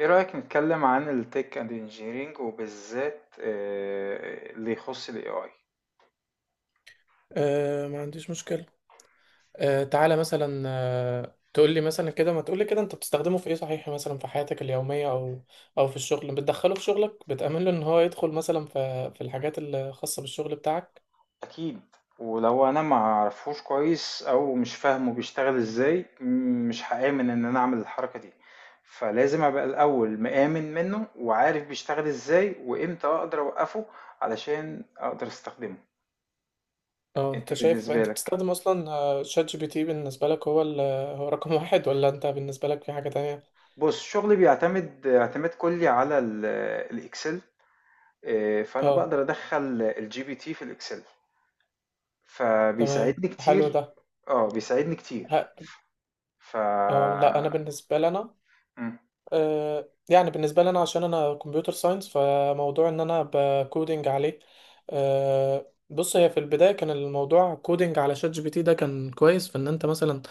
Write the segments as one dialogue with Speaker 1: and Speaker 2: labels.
Speaker 1: ايه رأيك نتكلم عن التك اند انجينيرينج وبالذات اللي يخص الاي اي؟
Speaker 2: آه، ما عنديش مشكلة. آه، تعالى مثلا، آه، تقول لي مثلا كده، ما تقول لي كده، انت بتستخدمه في ايه صحيح مثلا في حياتك اليومية او او في الشغل، بتدخله في شغلك، بتأمن له ان هو يدخل مثلا في الحاجات الخاصة بالشغل بتاعك؟
Speaker 1: اكيد. ولو انا ما اعرفوش كويس او مش فاهمه بيشتغل ازاي مش هآمن ان انا اعمل الحركة دي. فلازم ابقى الاول مآمن منه وعارف بيشتغل ازاي وامتى اقدر اوقفه علشان اقدر استخدمه.
Speaker 2: او
Speaker 1: انت
Speaker 2: انت شايف
Speaker 1: بالنسبة
Speaker 2: انت
Speaker 1: لك؟
Speaker 2: بتستخدم اصلا، شات جي بي تي بالنسبة لك هو هو رقم واحد، ولا انت بالنسبة لك في حاجة تانية؟
Speaker 1: بص، شغلي بيعتمد اعتماد كلي على الاكسل. فانا
Speaker 2: اه،
Speaker 1: بقدر ادخل الجي بي تي في الاكسل،
Speaker 2: تمام،
Speaker 1: فبيساعدني
Speaker 2: حلو
Speaker 1: كتير.
Speaker 2: ده.
Speaker 1: اه، بيساعدني كتير.
Speaker 2: ه-
Speaker 1: ف
Speaker 2: اه لا، انا بالنسبة لنا،
Speaker 1: مم.
Speaker 2: يعني بالنسبة لي أنا، عشان أنا كمبيوتر ساينس، فموضوع إن أنا بكودينج عليه، بص، هي في البداية كان الموضوع كودينج على شات جي بي تي. ده كان كويس في إن أنت مثلا،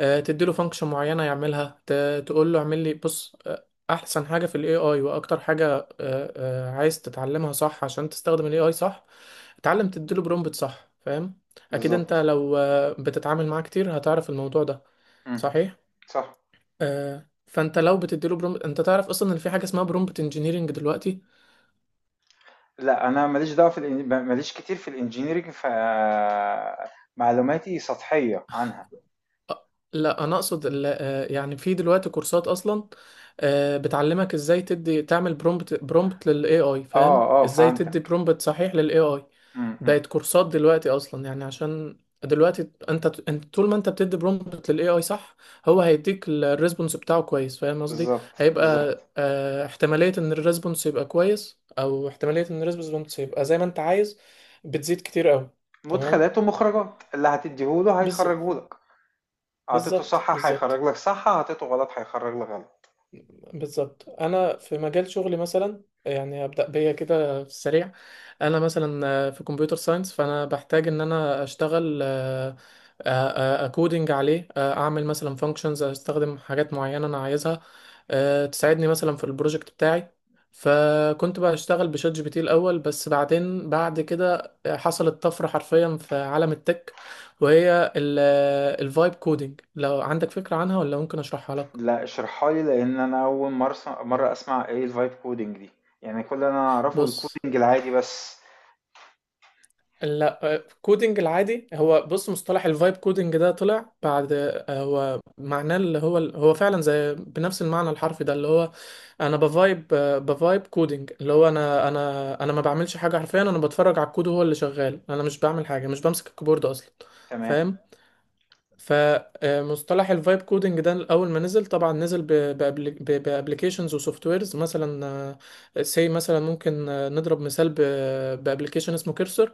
Speaker 2: تديله فانكشن معينة يعملها، تقول له اعمل لي. بص، أحسن حاجة في ال AI وأكتر حاجة، عايز تتعلمها صح عشان تستخدم ال AI صح، اتعلم تديله برومبت صح، فاهم؟ أكيد أنت
Speaker 1: بالظبط.
Speaker 2: لو، بتتعامل معاه كتير، هتعرف الموضوع ده،
Speaker 1: مم.
Speaker 2: صحيح.
Speaker 1: صح.
Speaker 2: فانت لو بتديله برومبت، انت تعرف اصلا ان في حاجه اسمها برومبت انجينيرنج دلوقتي.
Speaker 1: لا، انا ماليش دعوه في ماليش كتير في الانجينيرينج، معلوماتي سطحيه عنها.
Speaker 2: لا، انا اقصد يعني في دلوقتي كورسات اصلا، بتعلمك ازاي تدي تعمل برومبت للاي اي. فاهم
Speaker 1: اه، اه،
Speaker 2: ازاي تدي
Speaker 1: فهمتك.
Speaker 2: برومبت صحيح للاي اي؟
Speaker 1: مم، مم.
Speaker 2: بقت كورسات دلوقتي اصلا، يعني عشان دلوقتي انت طول ما انت بتدي برومبت للاي اي صح، هو هيديك الريسبونس بتاعه كويس، فاهم قصدي؟
Speaker 1: بالظبط،
Speaker 2: هيبقى،
Speaker 1: بالظبط.
Speaker 2: احتمالية ان الريسبونس يبقى كويس او احتمالية ان الريسبونس يبقى زي ما انت عايز بتزيد كتير قوي.
Speaker 1: مدخلات
Speaker 2: تمام،
Speaker 1: ومخرجات، اللي هتديهوله
Speaker 2: بالظبط
Speaker 1: هيخرجهولك. اعطيته
Speaker 2: بالظبط،
Speaker 1: صح
Speaker 2: بالظبط.
Speaker 1: هيخرج لك صح، اعطيته غلط هيخرج لك غلط.
Speaker 2: بالظبط، انا في مجال شغلي مثلا، يعني ابدا بيا كده في السريع. انا مثلا، في كمبيوتر ساينس، فانا بحتاج ان انا اشتغل، آه، اكودنج عليه، اعمل مثلا فانكشنز، استخدم حاجات معينه انا عايزها، تساعدني مثلا في البروجكت بتاعي. فكنت بقى اشتغل بشات جي بي تي الاول، بس بعدين بعد كده حصلت طفره حرفيا في عالم التك، وهي الفايب كودنج. لو عندك فكره عنها، ولا ممكن اشرحها لك؟
Speaker 1: لا، اشرحها لي لان انا اول مره أسمع، مره اسمع ايه الفايب كودنج دي. يعني كل اللي انا اعرفه
Speaker 2: بص،
Speaker 1: الكودنج العادي بس.
Speaker 2: لا، كودنج العادي، هو بص، مصطلح الفايب كودنج ده طلع بعد، هو معناه اللي هو، هو فعلا زي بنفس المعنى الحرفي ده، اللي هو انا بفايب، بفايب كودنج، اللي هو انا ما بعملش حاجه حرفيا، انا بتفرج على الكود وهو اللي شغال، انا مش بعمل حاجه، مش بمسك الكيبورد اصلا،
Speaker 1: تمام.
Speaker 2: فاهم؟ فمصطلح الفايب كودنج ده اول ما نزل، طبعا نزل بابلكيشنز وسوفت ويرز. مثلا سي مثلا ممكن، نضرب مثال، بابلكيشن اسمه كيرسر.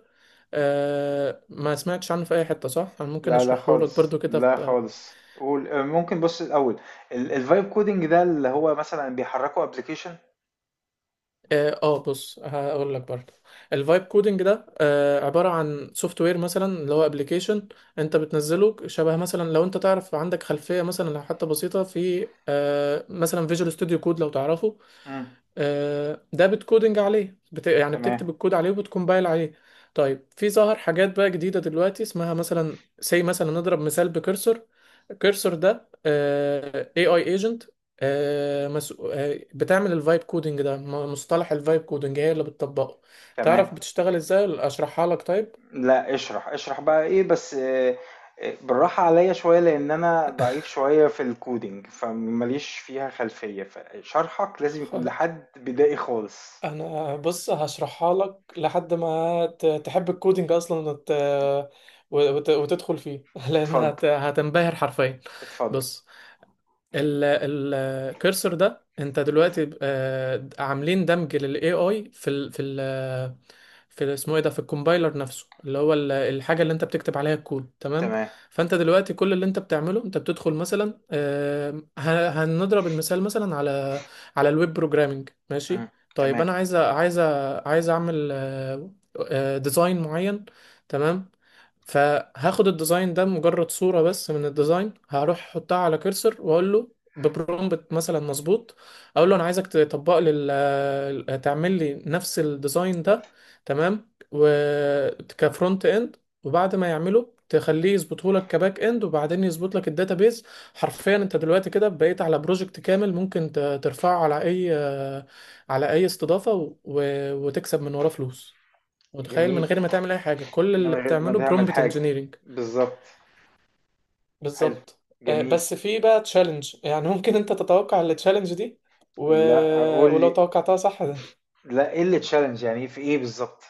Speaker 2: آه، ما سمعتش عنه في اي حته صح؟ انا ممكن
Speaker 1: لا، لا
Speaker 2: اشرحه لك
Speaker 1: خالص،
Speaker 2: برضو كده
Speaker 1: لا خالص، قول. ممكن، بص الاول، الفايب كودنج ده اللي هو مثلا بيحركوا ابلكيشن؟
Speaker 2: اه. بص، هقول لك برضو. الفايب كودنج ده، عباره عن سوفت وير مثلا، اللي هو ابلكيشن انت بتنزله، شبه مثلا لو انت تعرف، عندك خلفيه مثلا لو حتى بسيطه في، مثلا فيجوال ستوديو كود، لو تعرفه،
Speaker 1: امم.
Speaker 2: ده بتكودنج عليه، يعني
Speaker 1: تمام.
Speaker 2: بتكتب الكود عليه وبتكمبايل عليه. طيب، في ظهر حاجات بقى جديدة دلوقتي اسمها مثلا، زي مثلا نضرب مثال بكرسر. الكرسر ده، AI agent، آه، مس... آه، بتعمل الفايب كودنج ده. مصطلح الفايب كودنج هي اللي بتطبقه. تعرف
Speaker 1: تمام.
Speaker 2: بتشتغل ازاي، ولا اشرحها لك؟ طيب
Speaker 1: لا، اشرح اشرح بقى، ايه بس. بالراحه عليا شويه لان انا ضعيف شويه في الكودينج، فماليش فيها خلفيه، فشرحك لازم يكون لحد بدائي خالص.
Speaker 2: انا، بص هشرحها لك لحد ما تحب الكودينج اصلا وتدخل فيه لان
Speaker 1: اتفضل،
Speaker 2: هتنبهر حرفيا.
Speaker 1: اتفضل.
Speaker 2: بص، الكرسر ده انت دلوقتي، عاملين دمج للاي اي في اسمه ايه ده، في الكومبايلر نفسه، اللي هو الحاجه اللي انت بتكتب عليها الكود، تمام؟
Speaker 1: تمام.
Speaker 2: فانت دلوقتي كل اللي انت بتعمله، انت بتدخل مثلا، هنضرب المثال مثلا على على الويب بروجرامنج،
Speaker 1: إمم.
Speaker 2: ماشي؟ طيب
Speaker 1: تمام،
Speaker 2: انا عايز، عايز اعمل، ديزاين معين، تمام. فهاخد الديزاين ده، مجرد صورة بس من الديزاين، هروح احطها على كرسر واقول له ببرومبت مثلا مظبوط، اقول له انا عايزك تطبق لي تعمل لي نفس الديزاين ده، تمام، وكفرونت اند. وبعد ما يعمله تخليه يظبطه لك كباك اند، وبعدين يظبط لك الداتابيز. حرفيا انت دلوقتي كده بقيت على بروجكت كامل، ممكن ترفعه على اي، على اي استضافة، و- وتكسب من وراه فلوس. متخيل؟ من
Speaker 1: جميل،
Speaker 2: غير ما تعمل اي حاجه، كل
Speaker 1: من
Speaker 2: اللي
Speaker 1: غير ما
Speaker 2: بتعمله
Speaker 1: تعمل
Speaker 2: برومبت
Speaker 1: حاجة،
Speaker 2: انجينيرنج.
Speaker 1: بالضبط، حلو،
Speaker 2: بالظبط.
Speaker 1: جميل.
Speaker 2: بس في بقى تشالنج، يعني ممكن انت تتوقع التشالنج دي، و...
Speaker 1: لأ،
Speaker 2: آه،
Speaker 1: قُل
Speaker 2: ولو
Speaker 1: لي.
Speaker 2: توقعتها صح ده.
Speaker 1: لأ، إيه الchallenge؟ يعني في إيه بالضبط؟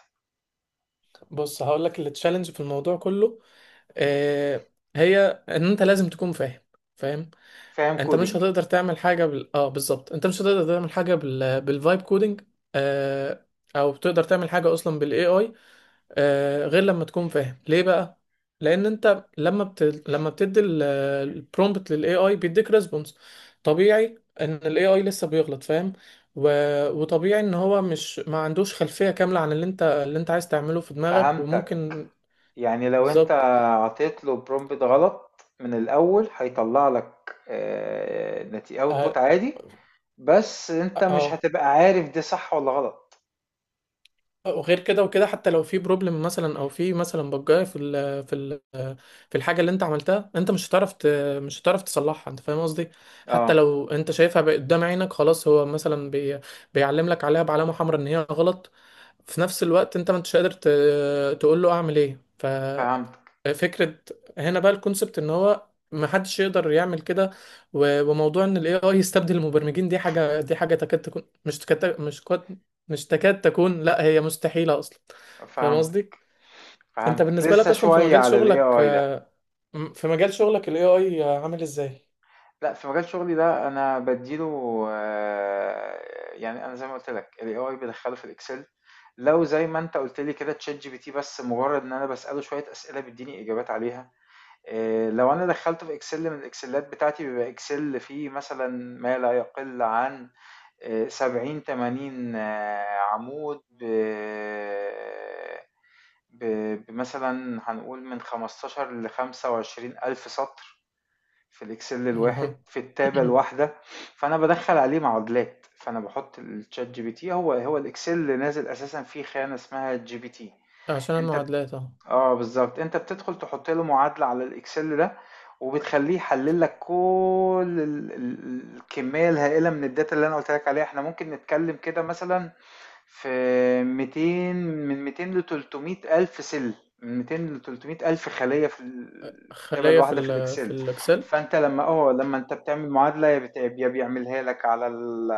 Speaker 2: بص هقول لك التشالنج في الموضوع كله، آه، هي ان انت لازم تكون فاهم.
Speaker 1: فاهم
Speaker 2: انت مش
Speaker 1: coding.
Speaker 2: هتقدر تعمل حاجه اه بالظبط، انت مش هتقدر تعمل حاجه بالفايب كودنج، آه، او تقدر تعمل حاجه اصلا بالاي اي، غير لما تكون فاهم ليه بقى. لان انت لما بتدي البرومبت للاي اي بيديك ريسبونس، طبيعي ان الاي اي لسه بيغلط، فاهم؟ و... وطبيعي ان هو مش، ما عندوش خلفية كاملة عن اللي انت، اللي انت عايز تعمله في دماغك،
Speaker 1: فهمتك،
Speaker 2: وممكن.
Speaker 1: يعني لو أنت
Speaker 2: بالظبط،
Speaker 1: عطيت له prompt غلط من الأول هيطلّع لك نت output
Speaker 2: اه،
Speaker 1: عادي، بس أنت
Speaker 2: آه،
Speaker 1: مش
Speaker 2: آه.
Speaker 1: هتبقى عارف ده صح والّا غلط.
Speaker 2: وغير كده وكده، حتى لو في بروبلم مثلا، او في مثلا بجايه في ال في ال في الحاجه اللي انت عملتها، انت مش هتعرف مش هتعرف تصلحها، انت فاهم قصدي؟ حتى
Speaker 1: آه،
Speaker 2: لو انت شايفها بقى قدام عينك، خلاص هو مثلا بيعلم لك عليها بعلامه حمراء ان هي غلط، في نفس الوقت انت ما انتش قادر تقول له اعمل ايه،
Speaker 1: فهمتك،
Speaker 2: فكرة. هنا بقى الكونسبت، ان هو ما حدش يقدر يعمل كده. وموضوع ان الاي اي يستبدل المبرمجين، دي حاجة، دي حاجة تكاد تكون، مش تكاد، مش كاد، مش تكاد تكون، لا هي مستحيلة اصلا، فاهم قصدي؟
Speaker 1: فهمتك،
Speaker 2: انت
Speaker 1: فهمتك،
Speaker 2: بالنسبة لك
Speaker 1: لسه
Speaker 2: اصلا في
Speaker 1: شوية
Speaker 2: مجال
Speaker 1: على
Speaker 2: شغلك،
Speaker 1: الAI ده.
Speaker 2: في مجال شغلك الاي اي عامل ازاي؟
Speaker 1: لأ، في مجال شغلي ده أنا بادّي له يعني أنا زي ما قُلت لك، الAI بادخّله في الExcel. لو زي ما أنت قُلت لي كده، ChatGPT بس مجرّد إن أنا باسأله شوية أسئلة بيدّيني إجابات عليها. لو أنا دخّلته في Excel من الإكسلات بتاعتي بيبقى Excel فيه مثلًا ما لا يقل عن 70، 80 عمود ب ب بمثلًا هنقول من 15 ل25.000 سطر. في الإكسل الواحد
Speaker 2: اها.
Speaker 1: في التابة الواحدة. فأنا بدخل عليه معادلات، فأنا بحط الشات جي بي تي، هو هو الإكسل اللي نازل أساسا فيه خانة اسمها جي بي تي.
Speaker 2: عشان
Speaker 1: أنت بت-
Speaker 2: المعادلات، اه.
Speaker 1: اه بالظبط، أنت بتدخل تحط له معادلة على الإكسل ده، وبتخليه يحلل لك كل الكمية الهائلة من الداتا اللي أنا قلت لك عليها. احنا ممكن نتكلم كده مثلا في 200، من 200 ل 300 ألف من 200 ل 300 ألف خلية في الكتابة
Speaker 2: خلية في
Speaker 1: الواحدة في
Speaker 2: ال في
Speaker 1: الإكسل.
Speaker 2: الاكسل،
Speaker 1: فأنت لما أنت بتعمل معادلة، يا بيعملها لك على ال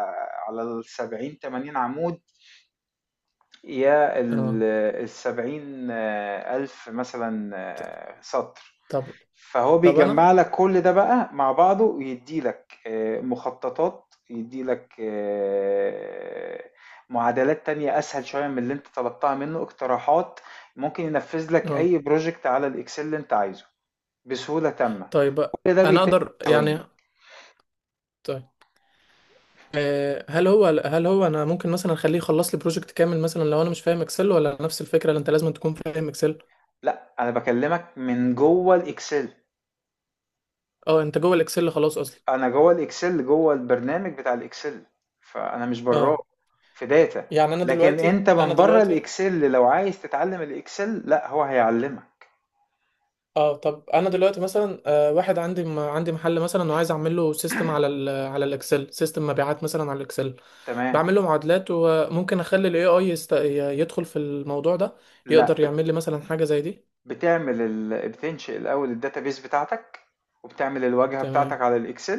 Speaker 1: على ال 70 80 عمود، يا
Speaker 2: اه.
Speaker 1: ال 70 ألف مثلا
Speaker 2: ط-
Speaker 1: سطر.
Speaker 2: طب
Speaker 1: فهو
Speaker 2: طب انا،
Speaker 1: بيجمع لك كل ده بقى مع بعضه ويدي لك مخططات، يدي لك معادلات تانية أسهل شوية من اللي أنت طلبتها منه، اقتراحات، ممكن ينفذ لك
Speaker 2: اه،
Speaker 1: أي بروجكت على الإكسل اللي أنت عايزه بسهولة تامة.
Speaker 2: طيب
Speaker 1: كل ده
Speaker 2: انا
Speaker 1: بيتم
Speaker 2: اقدر
Speaker 1: في
Speaker 2: يعني،
Speaker 1: ثواني.
Speaker 2: هل هو انا ممكن مثلا اخليه يخلص لي بروجكت كامل مثلا لو انا مش فاهم اكسل، ولا نفس الفكره اللي انت لازم تكون فاهم اكسل؟
Speaker 1: لا، أنا بكلمك من جوه الإكسل.
Speaker 2: اه، انت جوه الاكسل خلاص اصلا.
Speaker 1: أنا جوه الإكسل، جوه البرنامج بتاع الإكسل، فأنا مش براه
Speaker 2: اه
Speaker 1: في داتا.
Speaker 2: يعني انا
Speaker 1: لكن
Speaker 2: دلوقتي،
Speaker 1: أنت
Speaker 2: انا
Speaker 1: من بره
Speaker 2: دلوقتي
Speaker 1: الإكسل لو عايز تتعلم الإكسل، لا هو هيعلمك.
Speaker 2: اه طب انا دلوقتي مثلا، واحد عندي عندي محل مثلا، وعايز اعمل له سيستم على على الاكسل، سيستم مبيعات مثلا على الاكسل،
Speaker 1: تمام.
Speaker 2: بعمل له معادلات، وممكن اخلي الاي اي يدخل في الموضوع ده،
Speaker 1: لأ،
Speaker 2: يقدر يعمل لي مثلا حاجه زي دي؟
Speaker 1: بتعمل ال بتنشئ الأول الdatabase بتاعتك، وبتعمل الواجهة بتاعتك
Speaker 2: تمام،
Speaker 1: على الExcel،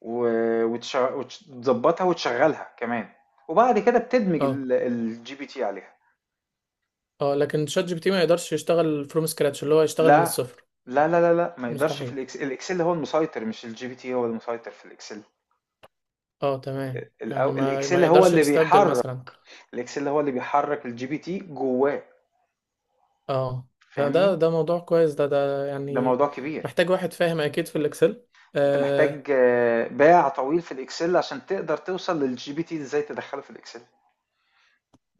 Speaker 1: و وتش وتش تضبّطها وتشغّلها كمان، وبعد كده بتدمج
Speaker 2: اه.
Speaker 1: الGPT عليها.
Speaker 2: اه لكن شات جي بي تي ما يقدرش يشتغل فروم سكراتش، اللي هو يشتغل من
Speaker 1: لأ،
Speaker 2: الصفر؟
Speaker 1: لا، لا، لا، لأ، ما يقدرش
Speaker 2: مستحيل.
Speaker 1: في الExcel هو المسيطر، مش الGPT هو المسيطر في الExcel.
Speaker 2: اه تمام، يعني ما
Speaker 1: الExcel
Speaker 2: ما
Speaker 1: هو
Speaker 2: يقدرش
Speaker 1: اللي
Speaker 2: يستبدل
Speaker 1: بيحرك،
Speaker 2: مثلا،
Speaker 1: الExcel هو اللي بيحرك الGPT جواه.
Speaker 2: اه. ده ده
Speaker 1: فاهمني؟
Speaker 2: ده موضوع كويس، ده
Speaker 1: ده
Speaker 2: يعني
Speaker 1: موضوع كبير.
Speaker 2: محتاج واحد فاهم اكيد في الاكسل.
Speaker 1: أنت محتاج
Speaker 2: آه.
Speaker 1: باع طويل في الإكسل عشان تقدر توصل للجي بي تي إزاي تدخله في الإكسل.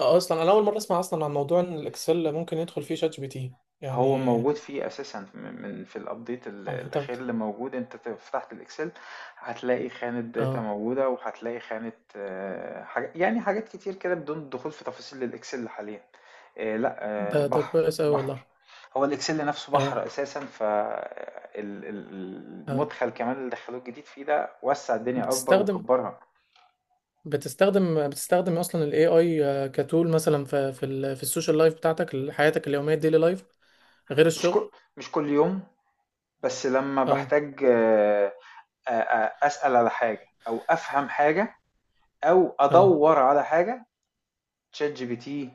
Speaker 2: اصلا انا اول مره اسمع اصلا عن موضوع ان الاكسل ممكن يدخل فيه شات جي بي تي يعني.
Speaker 1: هو موجود فيه أساسا في الأبديت
Speaker 2: اه طب،
Speaker 1: الأخير اللي موجود. أنت فتحت الإكسل، هتلاقي خانة داتا
Speaker 2: اه،
Speaker 1: موجودة وهتلاقي خانة حاجة، يعني حاجات كتير كده بدون دخول في تفاصيل الإكسل حاليا. لا،
Speaker 2: ده ده
Speaker 1: بحر
Speaker 2: كويس اوي
Speaker 1: بحر.
Speaker 2: والله.
Speaker 1: هو الإكسل نفسه
Speaker 2: اه،
Speaker 1: بحر أساسا،
Speaker 2: اه.
Speaker 1: فالمدخل كمان اللي دخلوه الجديد فيه ده وسع الدنيا أكبر
Speaker 2: بتستخدم
Speaker 1: وكبرها.
Speaker 2: بتستخدم اصلا الاي اي كتول مثلا في في السوشيال لايف بتاعتك، حياتك اليوميه، الديلي لايف، غير
Speaker 1: مش
Speaker 2: الشغل؟
Speaker 1: كل مش كل يوم، بس لما
Speaker 2: اه،
Speaker 1: بحتاج أسأل على حاجة أو أفهم حاجة أو
Speaker 2: اه،
Speaker 1: أدور على حاجة. تشات جي بي تي،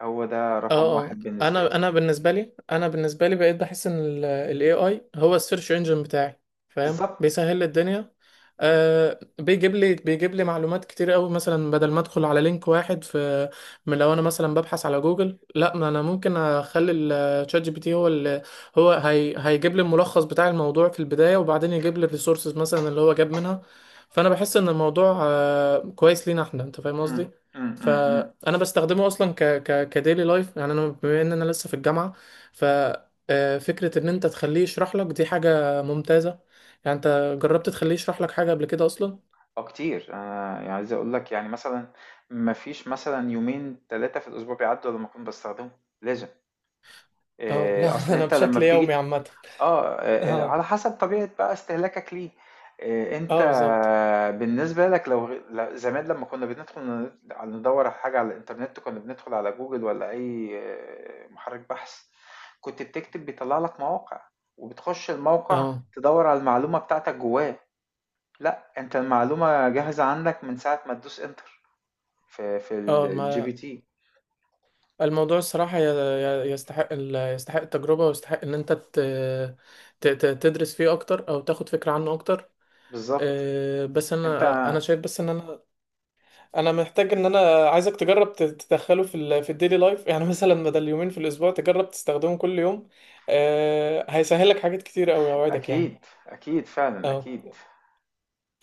Speaker 1: هو ده
Speaker 2: اه.
Speaker 1: رقم
Speaker 2: اه
Speaker 1: واحد بالنسبة
Speaker 2: انا
Speaker 1: لي.
Speaker 2: انا بالنسبه لي، انا بالنسبه لي، بقيت بحس ان ال AI هو السيرش انجن بتاعي، فاهم؟
Speaker 1: بالظبط.
Speaker 2: بيسهل لي الدنيا. آه، بيجيب لي معلومات كتير قوي، مثلا بدل ما ادخل على لينك واحد في، من، لو انا مثلا ببحث على جوجل، لا، ما انا ممكن اخلي الشات جي بي تي هو اللي، هو هيجيب لي الملخص بتاع الموضوع في البدايه، وبعدين يجيب لي الريسورسز مثلا اللي هو جاب منها. فانا بحس ان الموضوع آه كويس لينا احنا، انت فاهم
Speaker 1: مم،
Speaker 2: قصدي؟
Speaker 1: مم، مم، مم.
Speaker 2: فانا بستخدمه اصلا ك كديلي لايف، يعني انا بما ان انا لسه في الجامعه، ف، فكره ان انت تخليه يشرح لك دي حاجه ممتازه. يعني انت جربت تخليه يشرح لك حاجه قبل كده اصلا؟
Speaker 1: أه كتير، أنا يعني عايز أقول لك يعني مثلا مفيش مثلا يومين تلاتة في الأسبوع بيعدوا لما أكون بستخدمه. لازم.
Speaker 2: اه لا
Speaker 1: أصل
Speaker 2: انا
Speaker 1: أنت لما
Speaker 2: بشكل يومي
Speaker 1: بتيجي.
Speaker 2: عامه. اه،
Speaker 1: على حسب طبيعة بقى استهلاكك ليه. أنت
Speaker 2: اه بالظبط،
Speaker 1: بالنسبة لك، لو زمان لمّا كنا بندخل ندوّر على حاجة على الإنترنت، كنا بندخل على جوجل والّا أي محرك بحث، كنت بتكتب بيطلّع لك مواقع، وبتخش الموقع
Speaker 2: اه،
Speaker 1: تدوّر على المعلومة بتاعتك جواه. لأ، أنت المعلومة جاهزة عندك من ساعة ما تدوس enter في
Speaker 2: اه. ما
Speaker 1: الGPT.
Speaker 2: الموضوع الصراحه يستحق يستحق التجربه، ويستحق ان انت تدرس فيه اكتر، او تاخد فكره عنه اكتر.
Speaker 1: بالضبط،
Speaker 2: بس انا،
Speaker 1: أنت.
Speaker 2: انا شايف بس ان انا انا محتاج ان انا عايزك تجرب تدخله في ال في الديلي لايف، يعني مثلا بدل يومين في الاسبوع تجرب تستخدمهم كل يوم. آه هيسهلك حاجات كتير قوي، اوعدك
Speaker 1: أكيد،
Speaker 2: يعني.
Speaker 1: أكيد فعلًا، أكيد.
Speaker 2: اه.